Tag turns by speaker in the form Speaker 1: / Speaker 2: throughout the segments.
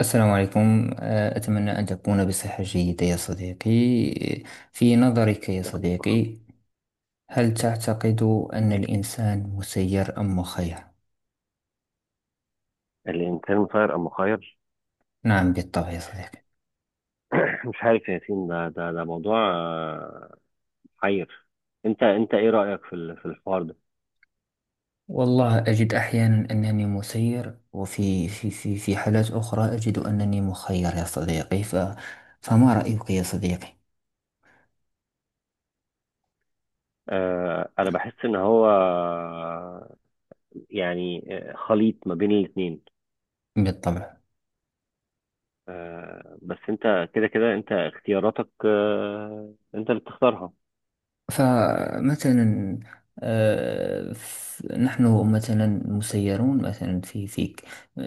Speaker 1: السلام عليكم، أتمنى أن تكون بصحة جيدة يا صديقي. في نظرك يا صديقي، هل تعتقد أن الإنسان مسير أم مخير؟
Speaker 2: الإنسان مسير أم مخير.
Speaker 1: نعم، بالطبع يا صديقي.
Speaker 2: مش عارف يا ياسين، ده موضوع حير. أنت إيه رأيك في الحوار ده؟
Speaker 1: والله أجد أحيانا أنني مسير، وفي في في في حالات أخرى أجد أنني مخير يا صديقي، فما رأيك يا صديقي؟
Speaker 2: أنا بحس إن هو، يعني خليط ما بين الاتنين.
Speaker 1: بالطبع.
Speaker 2: بس أنت كده أنت اختياراتك، أنت اللي بتختارها.
Speaker 1: فمثلا، آه، ف- نحن مثلا مسيرون، مثلا في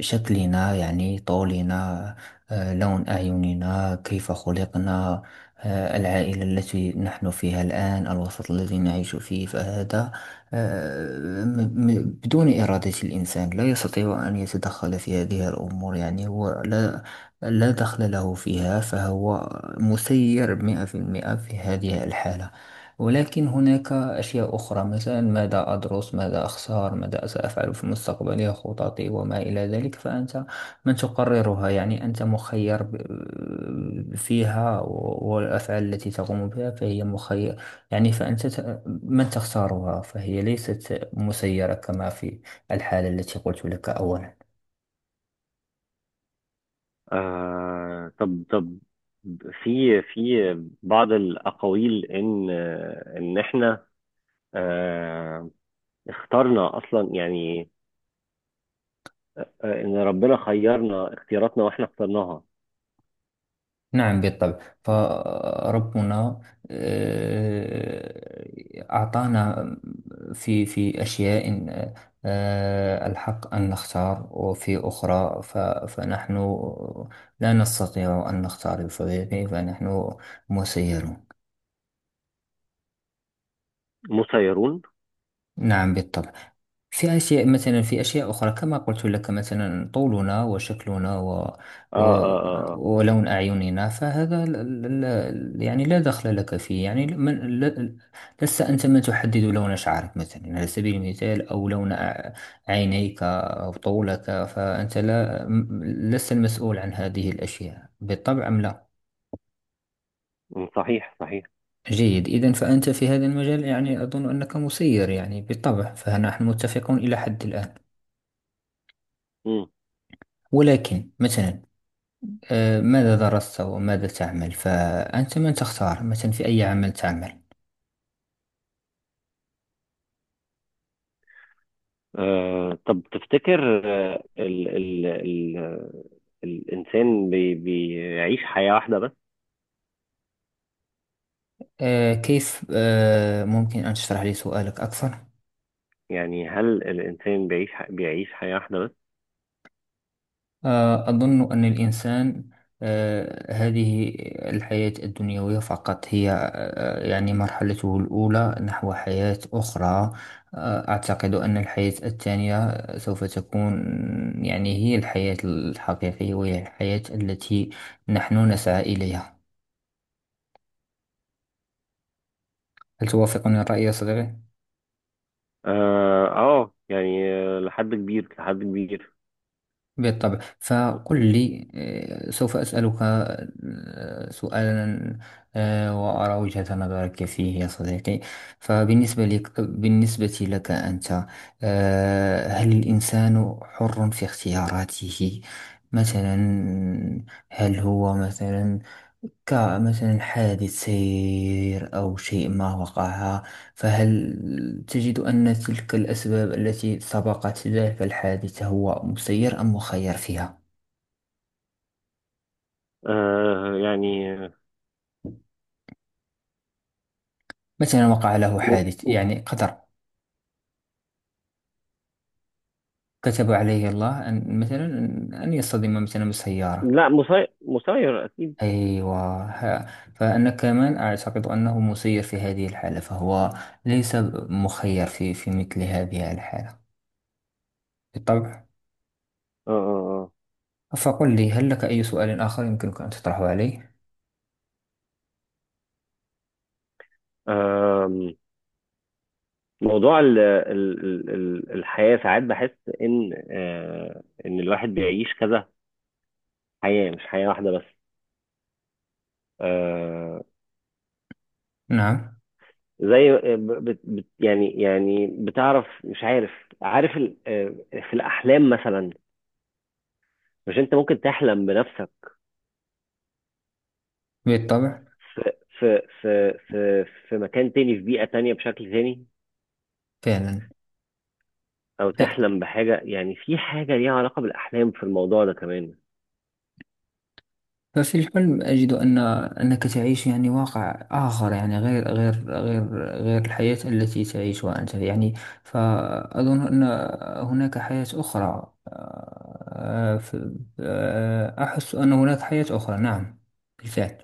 Speaker 1: شكلنا، يعني طولنا، لون أعيننا، كيف خلقنا، العائلة التي نحن فيها الآن، الوسط الذي نعيش فيه، فهذا آه، م- بدون إرادة الإنسان لا يستطيع أن يتدخل في هذه الأمور، يعني هو لا دخل له فيها، فهو مسير 100% في هذه الحالة. ولكن هناك أشياء أخرى، مثلا ماذا أدرس، ماذا أخسر، ماذا سأفعل في مستقبلي، خططي وما إلى ذلك، فأنت من تقررها، يعني أنت مخير فيها، والأفعال التي تقوم بها فهي مخير، يعني فأنت من تختارها، فهي ليست مسيرة كما في الحالة التي قلت لك أولا.
Speaker 2: طب، في بعض الأقاويل إن إن إحنا آه، اخترنا أصلا، يعني ان ربنا خيرنا اختياراتنا واحنا اخترناها
Speaker 1: نعم، بالطبع. فربنا أعطانا في أشياء الحق أن نختار، وفي أخرى فنحن لا نستطيع أن نختار بطبيعة، فنحن مسيرون.
Speaker 2: مسيرون.
Speaker 1: نعم، بالطبع. في أشياء، مثلا في أشياء أخرى كما قلت لك، مثلا طولنا وشكلنا
Speaker 2: اه،
Speaker 1: و...
Speaker 2: اه، اه، آه.
Speaker 1: ولون أعيننا، فهذا لا يعني لا دخل لك فيه، يعني من... لا... لست أنت من تحدد لون شعرك مثلا، على سبيل المثال، أو لون عينيك أو طولك، فأنت لا م- لست المسؤول عن هذه الأشياء بالطبع، أم لا.
Speaker 2: مم، صحيح صحيح.
Speaker 1: جيد، إذا فأنت في هذا المجال يعني أظن أنك مسير، يعني بالطبع، فنحن متفقون إلى حد الآن.
Speaker 2: مم.
Speaker 1: ولكن مثلا ماذا درست وماذا تعمل، فأنت من تختار مثلا في أي عمل تعمل.
Speaker 2: آه، طب تفتكر ال الانسان بيعيش حياة واحدة بس؟
Speaker 1: كيف؟ ممكن أن تشرح لي سؤالك أكثر؟
Speaker 2: يعني هل الانسان بيعيش حياة واحدة بس؟
Speaker 1: أظن أن الإنسان، هذه الحياة الدنيوية فقط هي يعني مرحلته الأولى نحو حياة أخرى. أعتقد أن الحياة الثانية سوف تكون يعني هي الحياة الحقيقية، وهي الحياة التي نحن نسعى إليها. هل توافقني الرأي يا صديقي؟
Speaker 2: اه، آه يعني، لحد كبير لحد كبير.
Speaker 1: بالطبع. فقل لي، سوف أسألك سؤالا، وأرى وجهة نظرك فيه يا صديقي. فبالنسبة لك أنت، هل الإنسان حر في اختياراته؟ مثلا هل هو مثلا كمثلا حادث سير أو شيء ما وقع، فهل تجد أن تلك الأسباب التي سبقت ذلك الحادث هو مسير أم مخير فيها؟
Speaker 2: آه يعني آه،
Speaker 1: مثلا وقع له
Speaker 2: م
Speaker 1: حادث،
Speaker 2: م-
Speaker 1: يعني قدر، كتب عليه الله أن مثلا أن يصطدم مثلا بسيارة.
Speaker 2: لا، مسير اكيد.
Speaker 1: أيوة، فأنا كمان أعتقد أنه مسير في هذه الحالة، فهو ليس مخير في مثل هذه الحالة، بالطبع.
Speaker 2: اه، اه.
Speaker 1: فقل لي، هل لك أي سؤال آخر يمكنك أن تطرحه علي؟
Speaker 2: آه. موضوع الحياة، ساعات بحس إن إن الواحد بيعيش كذا حياة، مش حياة واحدة بس. آه،
Speaker 1: نعم،
Speaker 2: زي بتعرف، مش عارف، عارف ال- آه، في الأحلام مثلا، مش أنت ممكن تحلم بنفسك
Speaker 1: بالطبع.
Speaker 2: في مكان تاني، في بيئة تانية، بشكل تاني،
Speaker 1: فعلا،
Speaker 2: أو تحلم بحاجة، يعني في حاجة ليها علاقة بالأحلام في الموضوع ده كمان.
Speaker 1: ففي الحلم أجد أن أنك تعيش يعني واقع آخر، يعني غير الحياة التي تعيشها أنت، يعني فأظن أن هناك حياة أخرى، أحس أن هناك حياة أخرى، نعم، بالفعل.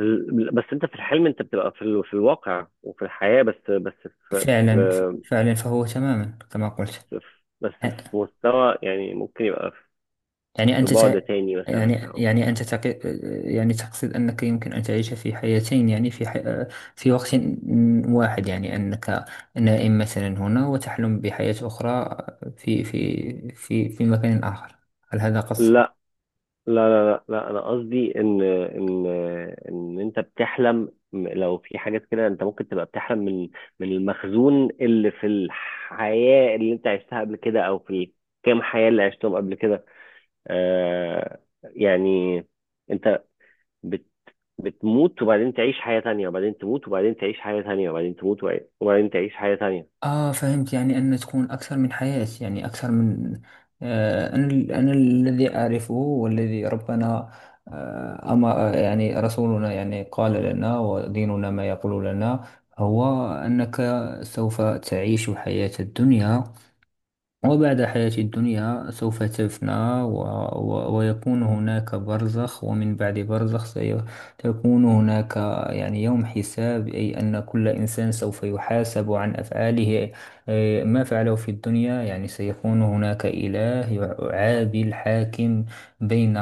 Speaker 2: بس انت في الحلم انت بتبقى في في الواقع وفي الحياة. في...
Speaker 1: فعلا،
Speaker 2: في...
Speaker 1: فعلا، فهو تماما كما قلت،
Speaker 2: في... بس في مستوى، يعني ممكن يبقى
Speaker 1: يعني
Speaker 2: في
Speaker 1: أنت تع...
Speaker 2: بعد تاني
Speaker 1: يعني
Speaker 2: مثلا او
Speaker 1: يعني أنت تق... يعني تقصد أنك يمكن أن تعيش في حياتين، يعني في وقت واحد، يعني أنك نائم مثلا هنا وتحلم بحياة أخرى في مكان آخر. هل هذا قصدك؟
Speaker 2: لا لا لا لا, لا، انا قصدي ان انت بتحلم، لو في حاجات كده انت ممكن تبقى بتحلم من من المخزون اللي في الحياة اللي انت عشتها قبل كده، او في الكام حياة اللي عشتهم قبل كده. آه، يعني انت بت... بتموت وبعدين تعيش حياة تانية، وبعدين تموت وبعدين تعيش حياة تانية، وبعدين تموت وبعدين تعيش حياة تانية.
Speaker 1: آه، فهمت، يعني أن تكون أكثر من حياة، يعني أكثر من... أنا الذي أعرفه والذي ربنا، أما يعني رسولنا، يعني قال لنا وديننا ما يقول لنا، هو أنك سوف تعيش حياة الدنيا، وبعد حياة الدنيا سوف تفنى، و... ويكون هناك برزخ، ومن بعد برزخ سيكون هناك يعني يوم حساب، أي أن كل إنسان سوف يحاسب عن أفعاله، ما فعله في الدنيا، يعني سيكون هناك إله عادل، حاكم بين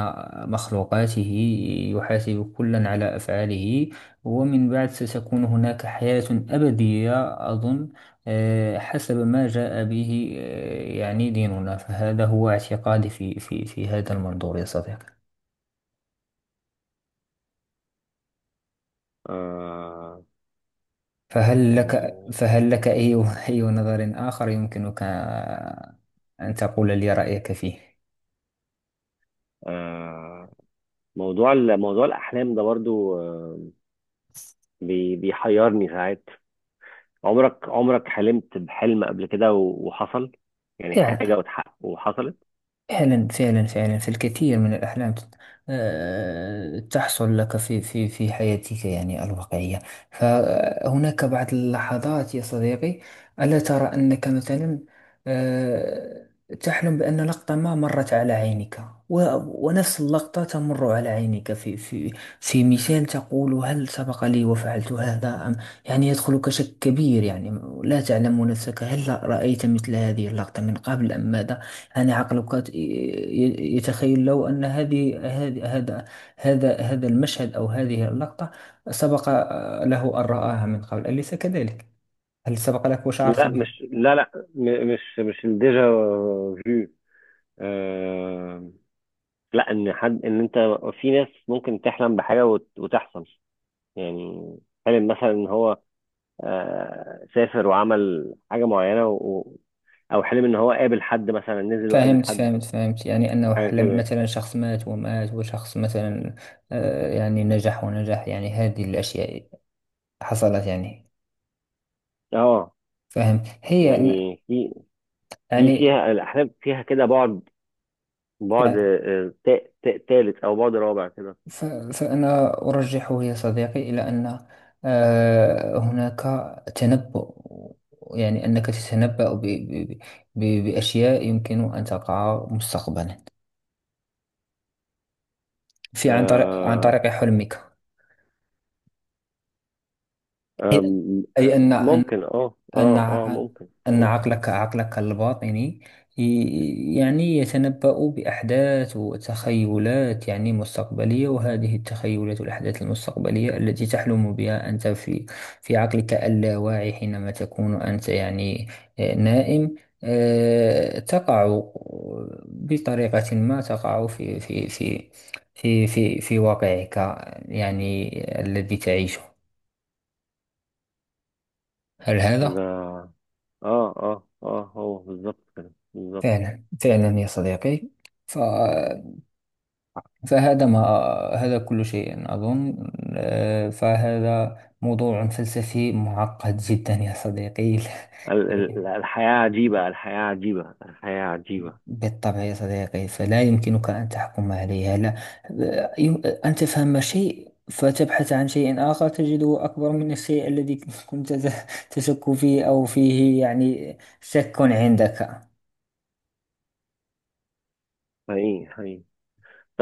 Speaker 1: مخلوقاته، يحاسب كلا على أفعاله، ومن بعد ستكون هناك حياة أبدية، أظن حسب ما جاء به يعني ديننا، فهذا هو اعتقادي في هذا المنظور يا صديقي.
Speaker 2: آه...
Speaker 1: فهل
Speaker 2: يعني
Speaker 1: لك فهل لك أي أي نظر آخر يمكنك أن تقول لي رأيك فيه؟
Speaker 2: آه... موضوع موضوع الأحلام ده برضو بيحيرني ساعات. عمرك حلمت بحلم قبل كده و... وحصل؟ يعني حاجة
Speaker 1: لا.
Speaker 2: وتحقق وحصلت؟
Speaker 1: فعلا، فعلا، فعلا، فالكثير من الأحلام تحصل لك في حياتك، يعني الواقعية. فهناك بعض اللحظات يا صديقي، ألا ترى أنك مثلا آه، تحلم بأن لقطة ما مرت على عينك، ونفس اللقطة تمر على عينك في مثال، تقول: هل سبق لي وفعلت هذا أم؟ يعني يدخلك شك كبير، يعني لا تعلم نفسك هل رأيت مثل هذه اللقطة من قبل أم ماذا، يعني عقلك يتخيل لو أن هذه هذا المشهد أو هذه اللقطة سبق له أن رآها من قبل، أليس كذلك؟ هل سبق لك وشعرت
Speaker 2: لا
Speaker 1: به؟
Speaker 2: مش لا لا م... مش مش الديجا فيو. آه... لا، ان انت، في ناس ممكن تحلم بحاجه وتحصل. يعني حلم مثلا ان هو سافر وعمل حاجه معينه، او حلم ان هو قابل حد، مثلا نزل وقابل
Speaker 1: فهمت،
Speaker 2: حد،
Speaker 1: فهمت، فهمت، يعني أنه
Speaker 2: حاجه
Speaker 1: حلم
Speaker 2: كده يعني.
Speaker 1: مثلا شخص مات ومات، وشخص مثلا يعني نجح ونجح، يعني هذه الأشياء حصلت يعني.
Speaker 2: اه،
Speaker 1: فهمت هي
Speaker 2: يعني في
Speaker 1: يعني،
Speaker 2: فيها الاحلام فيها كده بعد تالت او بعد رابع كده.
Speaker 1: ف- فأنا أرجحه يا صديقي إلى أن هناك تنبؤ، يعني أنك تتنبأ بأشياء يمكن أن تقع مستقبلا، في عن طريق عن
Speaker 2: آه،
Speaker 1: طريق حلمك،
Speaker 2: آم،
Speaker 1: أي
Speaker 2: آه،
Speaker 1: أن أن
Speaker 2: ممكن، اه
Speaker 1: أن
Speaker 2: اه اه ممكن
Speaker 1: أن
Speaker 2: ممكن.
Speaker 1: عقلك الباطني يعني يتنبأ بأحداث وتخيلات، يعني مستقبلية، وهذه التخيلات والأحداث المستقبلية التي تحلم بها أنت في عقلك اللاواعي، حينما تكون أنت يعني نائم، تقع بطريقة ما، تقع في واقعك، يعني الذي تعيشه. هل
Speaker 2: ده
Speaker 1: هذا؟
Speaker 2: اه، اه، اه، هو بالظبط كده، بالظبط.
Speaker 1: فعلا، فعلا يا صديقي، ف... فهذا ما هذا كل شيء أظن، فهذا موضوع فلسفي معقد جدا يا صديقي.
Speaker 2: الحياة عجيبة، الحياة عجيبة، الحياة عجيبة.
Speaker 1: بالطبع يا صديقي، فلا يمكنك أن تحكم عليها، لا، أن تفهم شيء فتبحث عن شيء آخر تجده أكبر من الشيء الذي كنت تشك فيه أو فيه، يعني شك عندك.
Speaker 2: حقيقي حقيقي.